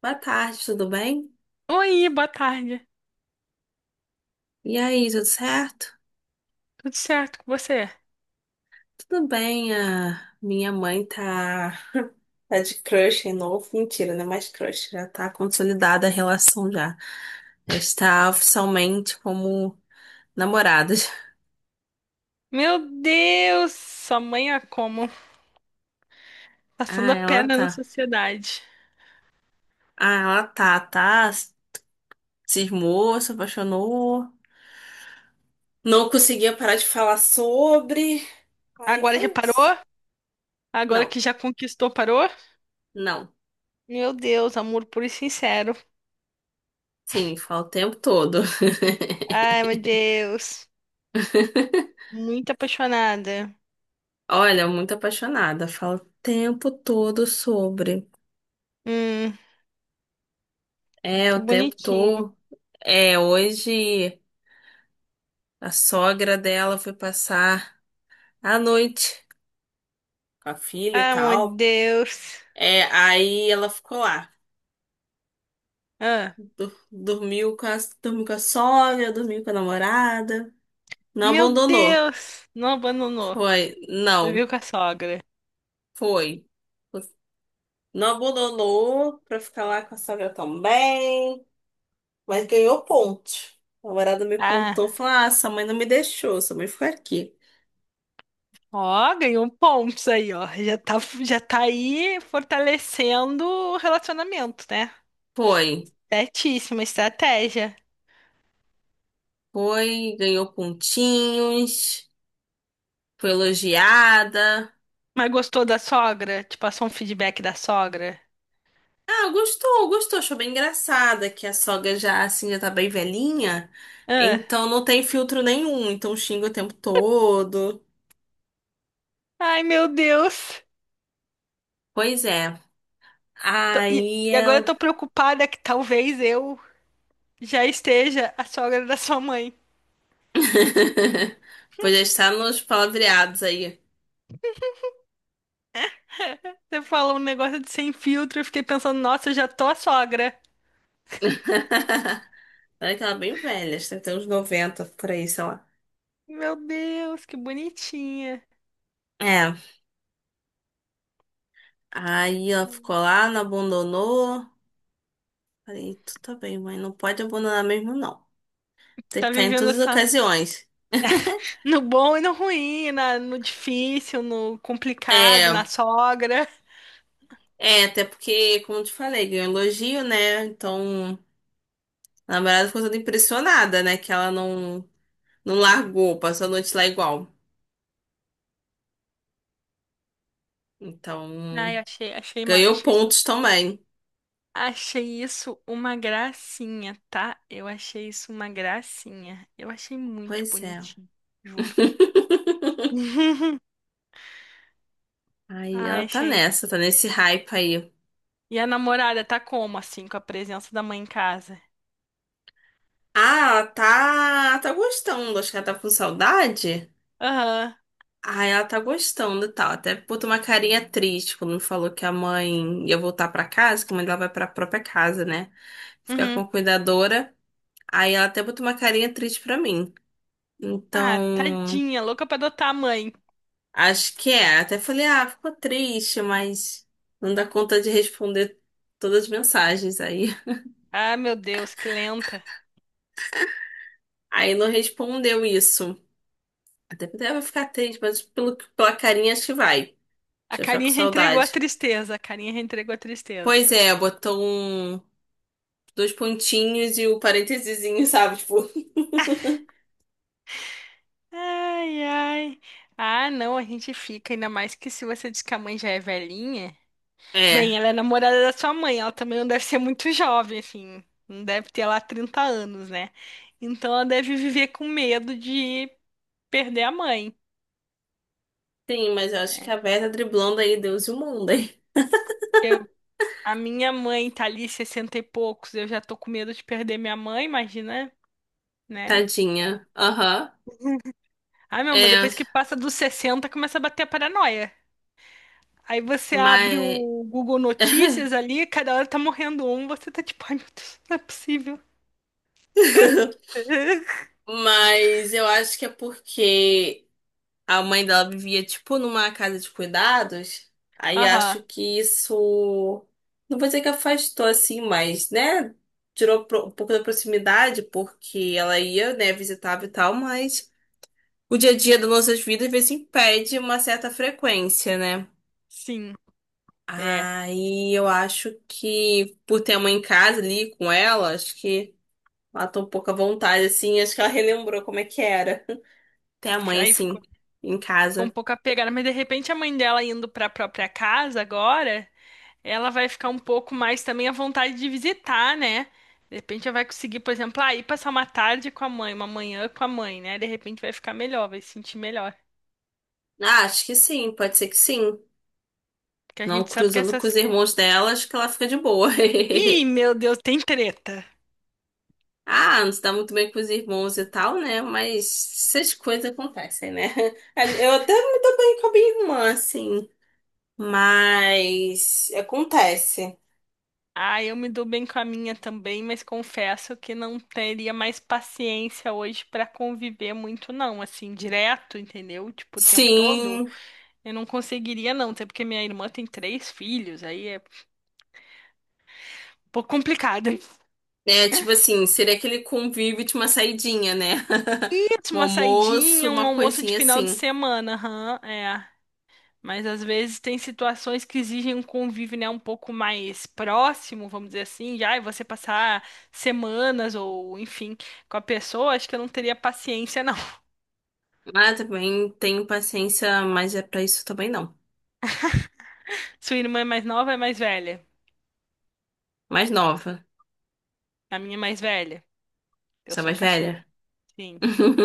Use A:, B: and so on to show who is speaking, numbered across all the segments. A: Boa tarde, tudo bem?
B: Oi, boa tarde.
A: E aí, tudo certo?
B: Tudo certo com você?
A: Tudo bem, a minha mãe tá, tá de crush em novo. Mentira, não é mais crush, já tá consolidada a relação já. Já está oficialmente como namoradas.
B: Meu Deus, sua mãe é como? Passando
A: Ah,
B: a
A: ela
B: perna na
A: tá.
B: sociedade.
A: Ah, ela tá, tá. Cismou, se apaixonou. Não conseguia parar de falar sobre. Aí
B: Agora já
A: foi isso.
B: parou? Agora
A: Não,
B: que já conquistou, parou?
A: não.
B: Meu Deus, amor puro e sincero.
A: Sim, fala o tempo todo.
B: Ai, meu Deus. Muito apaixonada.
A: Olha, muito apaixonada. Falo o tempo todo sobre.
B: Hum,
A: É, o
B: que
A: tempo
B: bonitinho.
A: todo. É, hoje a sogra dela foi passar a noite com a filha e
B: Ai, meu
A: tal.
B: Deus.
A: É, aí ela ficou lá.
B: Ah,
A: Du- Dormiu com a, dormiu com a sogra, dormiu com a namorada. Não
B: meu
A: abandonou.
B: Deus. Não abandonou.
A: Foi. Não,
B: Viveu com a sogra.
A: foi. Não abandonou pra ficar lá com a sogra também. Mas ganhou ponto. O namorado me
B: Ah.
A: contou, falou: Ah, sua mãe não me deixou, sua mãe ficou aqui.
B: Ó, ganhou pontos aí, ó. Já tá aí fortalecendo o relacionamento, né?
A: Foi,
B: Certíssima estratégia.
A: foi, ganhou pontinhos, foi elogiada.
B: Mas gostou da sogra? Te passou um feedback da sogra?
A: Ah, gostou, gostou, achou bem engraçada que a sogra já, assim, já tá bem velhinha,
B: Ah.
A: então não tem filtro nenhum, então xinga o tempo todo.
B: Ai, meu Deus.
A: Pois é,
B: E,
A: aí
B: e agora eu
A: ela.
B: tô preocupada que talvez eu já esteja a sogra da sua mãe.
A: Pois já está nos palavreados aí.
B: Você falou um negócio de sem filtro, eu fiquei pensando, nossa, eu já tô a sogra.
A: Olha que ela é bem velha, acho que tem uns 90 por aí, sei lá.
B: Meu Deus, que bonitinha.
A: É, aí ela ficou lá, não abandonou. Falei, tu tá bem, mãe, não pode abandonar mesmo, não. Tem que
B: Tá
A: estar em
B: vivendo
A: todas as
B: essa.
A: ocasiões.
B: No bom e no ruim, no difícil, no complicado,
A: É,
B: na sogra.
A: é, até porque, como eu te falei, ganhou elogio, né? Então, a namorada ficou toda impressionada, né? Que ela não, não largou, passou a noite lá igual.
B: Ai,
A: Então,
B: achei,
A: ganhou pontos também.
B: achei isso uma gracinha, tá? Eu achei isso uma gracinha. Eu achei muito
A: Pois é.
B: bonitinho, juro.
A: Aí ela
B: Ai,
A: tá
B: achei.
A: nessa, tá nesse hype aí.
B: E a namorada tá como, assim, com a presença da mãe em casa?
A: Ah, ela tá gostando. Acho que ela tá com saudade.
B: Aham,
A: Ah, ela tá gostando e tal. Até botou uma carinha triste quando me falou que a mãe ia voltar pra casa, que a mãe dela vai pra própria casa, né? Ficar com
B: uhum.
A: a cuidadora. Aí ela até botou uma carinha triste pra mim.
B: Ah,
A: Então,
B: tadinha, louca pra adotar a mãe.
A: acho que é. Até falei, ah, ficou triste, mas não dá conta de responder todas as mensagens aí.
B: Ah, meu Deus, que lenta.
A: Aí não respondeu isso. Até falei, ah, vai ficar triste, mas pela carinha acho que vai.
B: A
A: Já fica com
B: carinha já entregou a
A: saudade.
B: tristeza, a carinha já entregou a tristeza.
A: Pois é, botou dois pontinhos e o parênteses, sabe? Tipo,
B: Ai, ai. Ah, não, a gente fica, ainda mais que se você diz que a mãe já é velhinha. Bem,
A: É.
B: ela é namorada da sua mãe, ela também não deve ser muito jovem, assim. Não deve ter lá 30 anos, né? Então ela deve viver com medo de perder a mãe.
A: Sim, mas eu acho que a Vera tá driblando aí Deus e o mundo, hein?
B: Eu, a minha mãe tá ali 60 e poucos, eu já tô com medo de perder minha mãe, imagina, né?
A: Tadinha. Aham.
B: Ai, meu amor,
A: É,
B: depois que passa dos 60, começa a bater a paranoia. Aí você abre
A: mas.
B: o Google Notícias ali, cada hora tá morrendo um, você tá tipo, ai meu Deus, não é possível.
A: Mas eu acho que é porque a mãe dela vivia, tipo, numa casa de cuidados. Aí
B: Aham,
A: acho que isso. Não vou dizer que afastou assim, mas, né? Tirou um pouco da proximidade, porque ela ia, né, visitava e tal, mas. O dia a dia das nossas vidas, às vezes, impede uma certa frequência, né?
B: sim, é.
A: Aí eu acho que, por ter a mãe em casa ali com ela, acho que matou um pouco a vontade, assim. Acho que ela relembrou como é que era ter a mãe,
B: Aí ficou,
A: assim, em
B: ficou um
A: casa.
B: pouco apegada, mas de repente a mãe dela indo pra própria casa agora, ela vai ficar um pouco mais também à vontade de visitar, né? De repente ela vai conseguir, por exemplo, ah, ir passar uma tarde com a mãe, uma manhã com a mãe, né? De repente vai ficar melhor, vai se sentir melhor.
A: Ah, acho que sim, pode ser que sim.
B: Porque a
A: Não
B: gente sabe que
A: cruzando com os
B: essas.
A: irmãos dela, acho que ela fica de boa.
B: Ih, meu Deus, tem treta.
A: Ah, não se dá muito bem com os irmãos e tal, né? Mas essas coisas acontecem, né? Eu até me dou bem com a minha irmã, assim. Mas acontece.
B: Ah, eu me dou bem com a minha também, mas confesso que não teria mais paciência hoje pra conviver muito, não, assim, direto, entendeu? Tipo, o tempo todo,
A: Sim,
B: eu não conseguiria, não, até porque minha irmã tem três filhos, aí é um pouco complicado.
A: é tipo assim, seria aquele convívio de uma saidinha, né?
B: Eu faço
A: Um
B: Uma
A: almoço,
B: saidinha, um
A: uma
B: almoço de
A: coisinha
B: final de
A: assim.
B: semana, aham, é. Mas às vezes tem situações que exigem um convívio, né, um pouco mais próximo, vamos dizer assim, já, e você passar semanas ou, enfim, com a pessoa, acho que eu não teria paciência, não.
A: Mas também tenho paciência, mas é pra isso também não.
B: Sua irmã é mais nova ou é mais velha?
A: Mais nova,
B: A minha é mais velha. Eu
A: sou
B: sou a
A: mais
B: caçula.
A: velha.
B: Sim.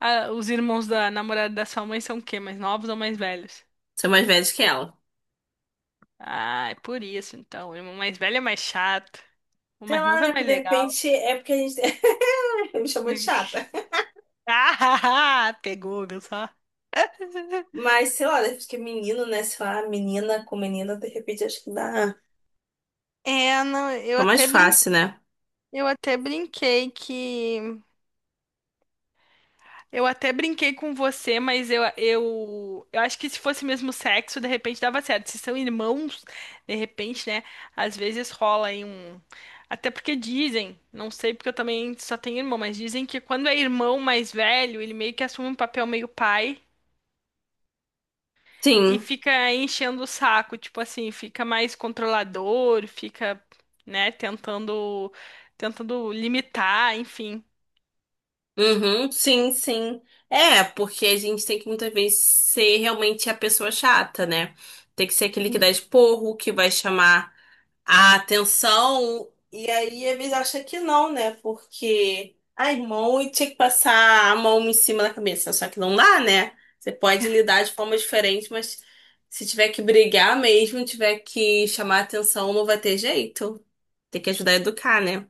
B: Ah, os irmãos da namorada da sua mãe são o quê? Mais novos ou mais velhos?
A: Sou mais velha que ela.
B: Ah, é por isso então. O irmão mais velho é mais chato. O
A: Sei
B: mais
A: lá,
B: novo
A: né?
B: é
A: Porque
B: mais
A: de
B: legal.
A: repente é porque a gente me chamou de chata.
B: Ah, pegou, viu só?
A: Mas sei lá, acho que menino, né? Sei lá, menina com menina, de repente acho que dá.
B: É, não,
A: Fica mais fácil, né?
B: eu até brinquei que Eu até brinquei com você, mas eu acho que se fosse mesmo sexo, de repente dava certo. Se são irmãos, de repente, né? Às vezes rola aí um. Até porque dizem, não sei porque eu também só tenho irmão, mas dizem que quando é irmão mais velho, ele meio que assume um papel meio pai e
A: Sim.
B: fica enchendo o saco, tipo assim, fica mais controlador, fica, né, tentando limitar, enfim.
A: Uhum, sim, sim. É, porque a gente tem que muitas vezes ser realmente a pessoa chata, né? Tem que ser aquele que dá esporro, que vai chamar a atenção. E aí, às vezes, acha que não, né? Porque, ai, mão, e tinha que passar a mão em cima da cabeça. Só que não dá, né? Você pode lidar de forma diferente, mas se tiver que brigar mesmo, tiver que chamar a atenção, não vai ter jeito. Tem que ajudar a educar, né?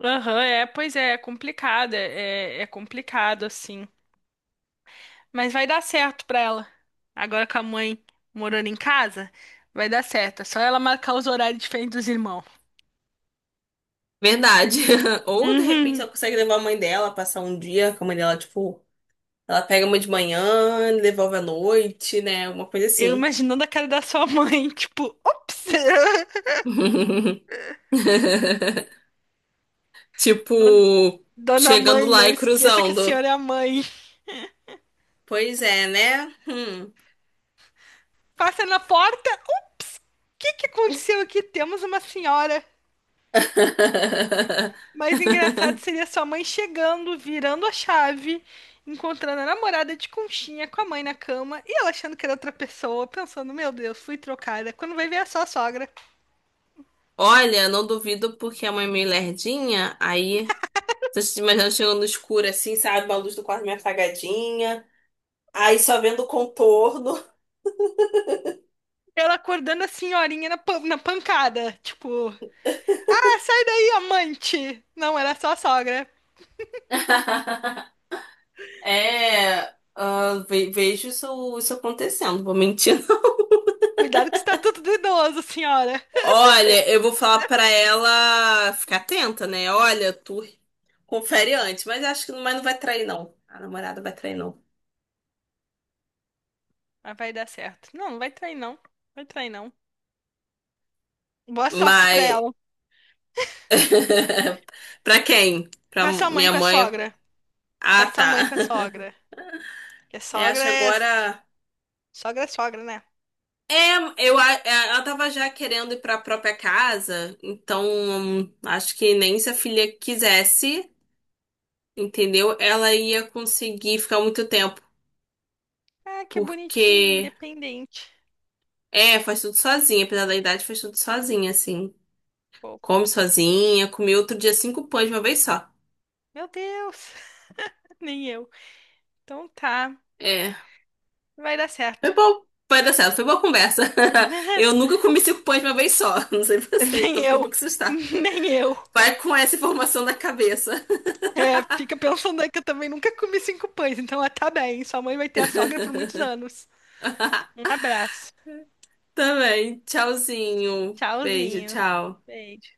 B: Aham, é, pois é, é complicado, é, é complicado, assim. Mas vai dar certo pra ela. Agora com a mãe morando em casa, vai dar certo. É só ela marcar os horários diferentes dos irmãos.
A: Verdade. Ou de repente
B: Uhum.
A: ela consegue levar a mãe dela, passar um dia com a mãe dela, tipo, ela pega uma de manhã, devolve à noite, né? Uma coisa
B: Eu
A: assim.
B: imaginando a cara da sua mãe, tipo, ops!
A: Tipo,
B: Don- Dona
A: chegando
B: mãe,
A: lá
B: não
A: e
B: esqueça que a
A: cruzando.
B: senhora é a mãe.
A: Pois é, né? Hum.
B: Passa na porta. O que que aconteceu aqui? Temos uma senhora. Mas engraçado seria sua mãe chegando, virando a chave, encontrando a namorada de conchinha com a mãe na cama e ela achando que era outra pessoa, pensando, meu Deus, fui trocada. Quando vai ver é só a sogra.
A: Olha, não duvido porque a mãe é meio lerdinha, aí tô te imaginando chegando no escuro assim, sabe? A luz do quarto meio apagadinha, aí só vendo o contorno.
B: Ela acordando a senhorinha na, na pancada, tipo, ah, sai daí, amante! Não, era só a sogra.
A: É, ah, vejo isso acontecendo, vou mentir.
B: Cuidado que está tudo do idoso, senhora.
A: Olha, eu vou falar pra ela ficar atenta, né? Olha, tu confere antes, mas acho que mas não vai trair, não. A namorada vai trair, não.
B: Mas vai dar certo. Não, não vai trair, não. Vai trair, não. Boa sorte pra
A: Mas
B: ela.
A: pra quem? Pra
B: Pra sua mãe
A: minha
B: com a
A: mãe.
B: sogra. Pra
A: Ah,
B: sua mãe
A: tá.
B: com a sogra. Porque
A: É, acho
B: sogra
A: que
B: é.
A: agora.
B: Sogra é sogra, né?
A: É, eu, é, ela tava já querendo ir pra própria casa, então acho que nem se a filha quisesse. Entendeu? Ela ia conseguir ficar muito tempo,
B: Ah, que bonitinha,
A: porque
B: independente.
A: é, faz tudo sozinha, apesar da idade, faz tudo sozinha, assim.
B: Pô,
A: Come sozinha, comeu outro dia 5 pães de uma vez só.
B: meu Deus, nem eu. Então tá,
A: É,
B: vai dar certo.
A: foi bom, vai dar certo, foi boa conversa. Eu nunca comi 5 pães de uma vez só, não sei você,
B: Nem
A: então fiquei um
B: eu,
A: pouco assustada.
B: nem eu.
A: Vai com essa informação na cabeça.
B: É, fica pensando aí que eu também nunca comi cinco pães, então ela tá bem. Sua mãe vai ter a sogra por muitos anos. Um abraço.
A: Também, tchauzinho. Beijo,
B: Tchauzinho.
A: tchau.
B: Beijo.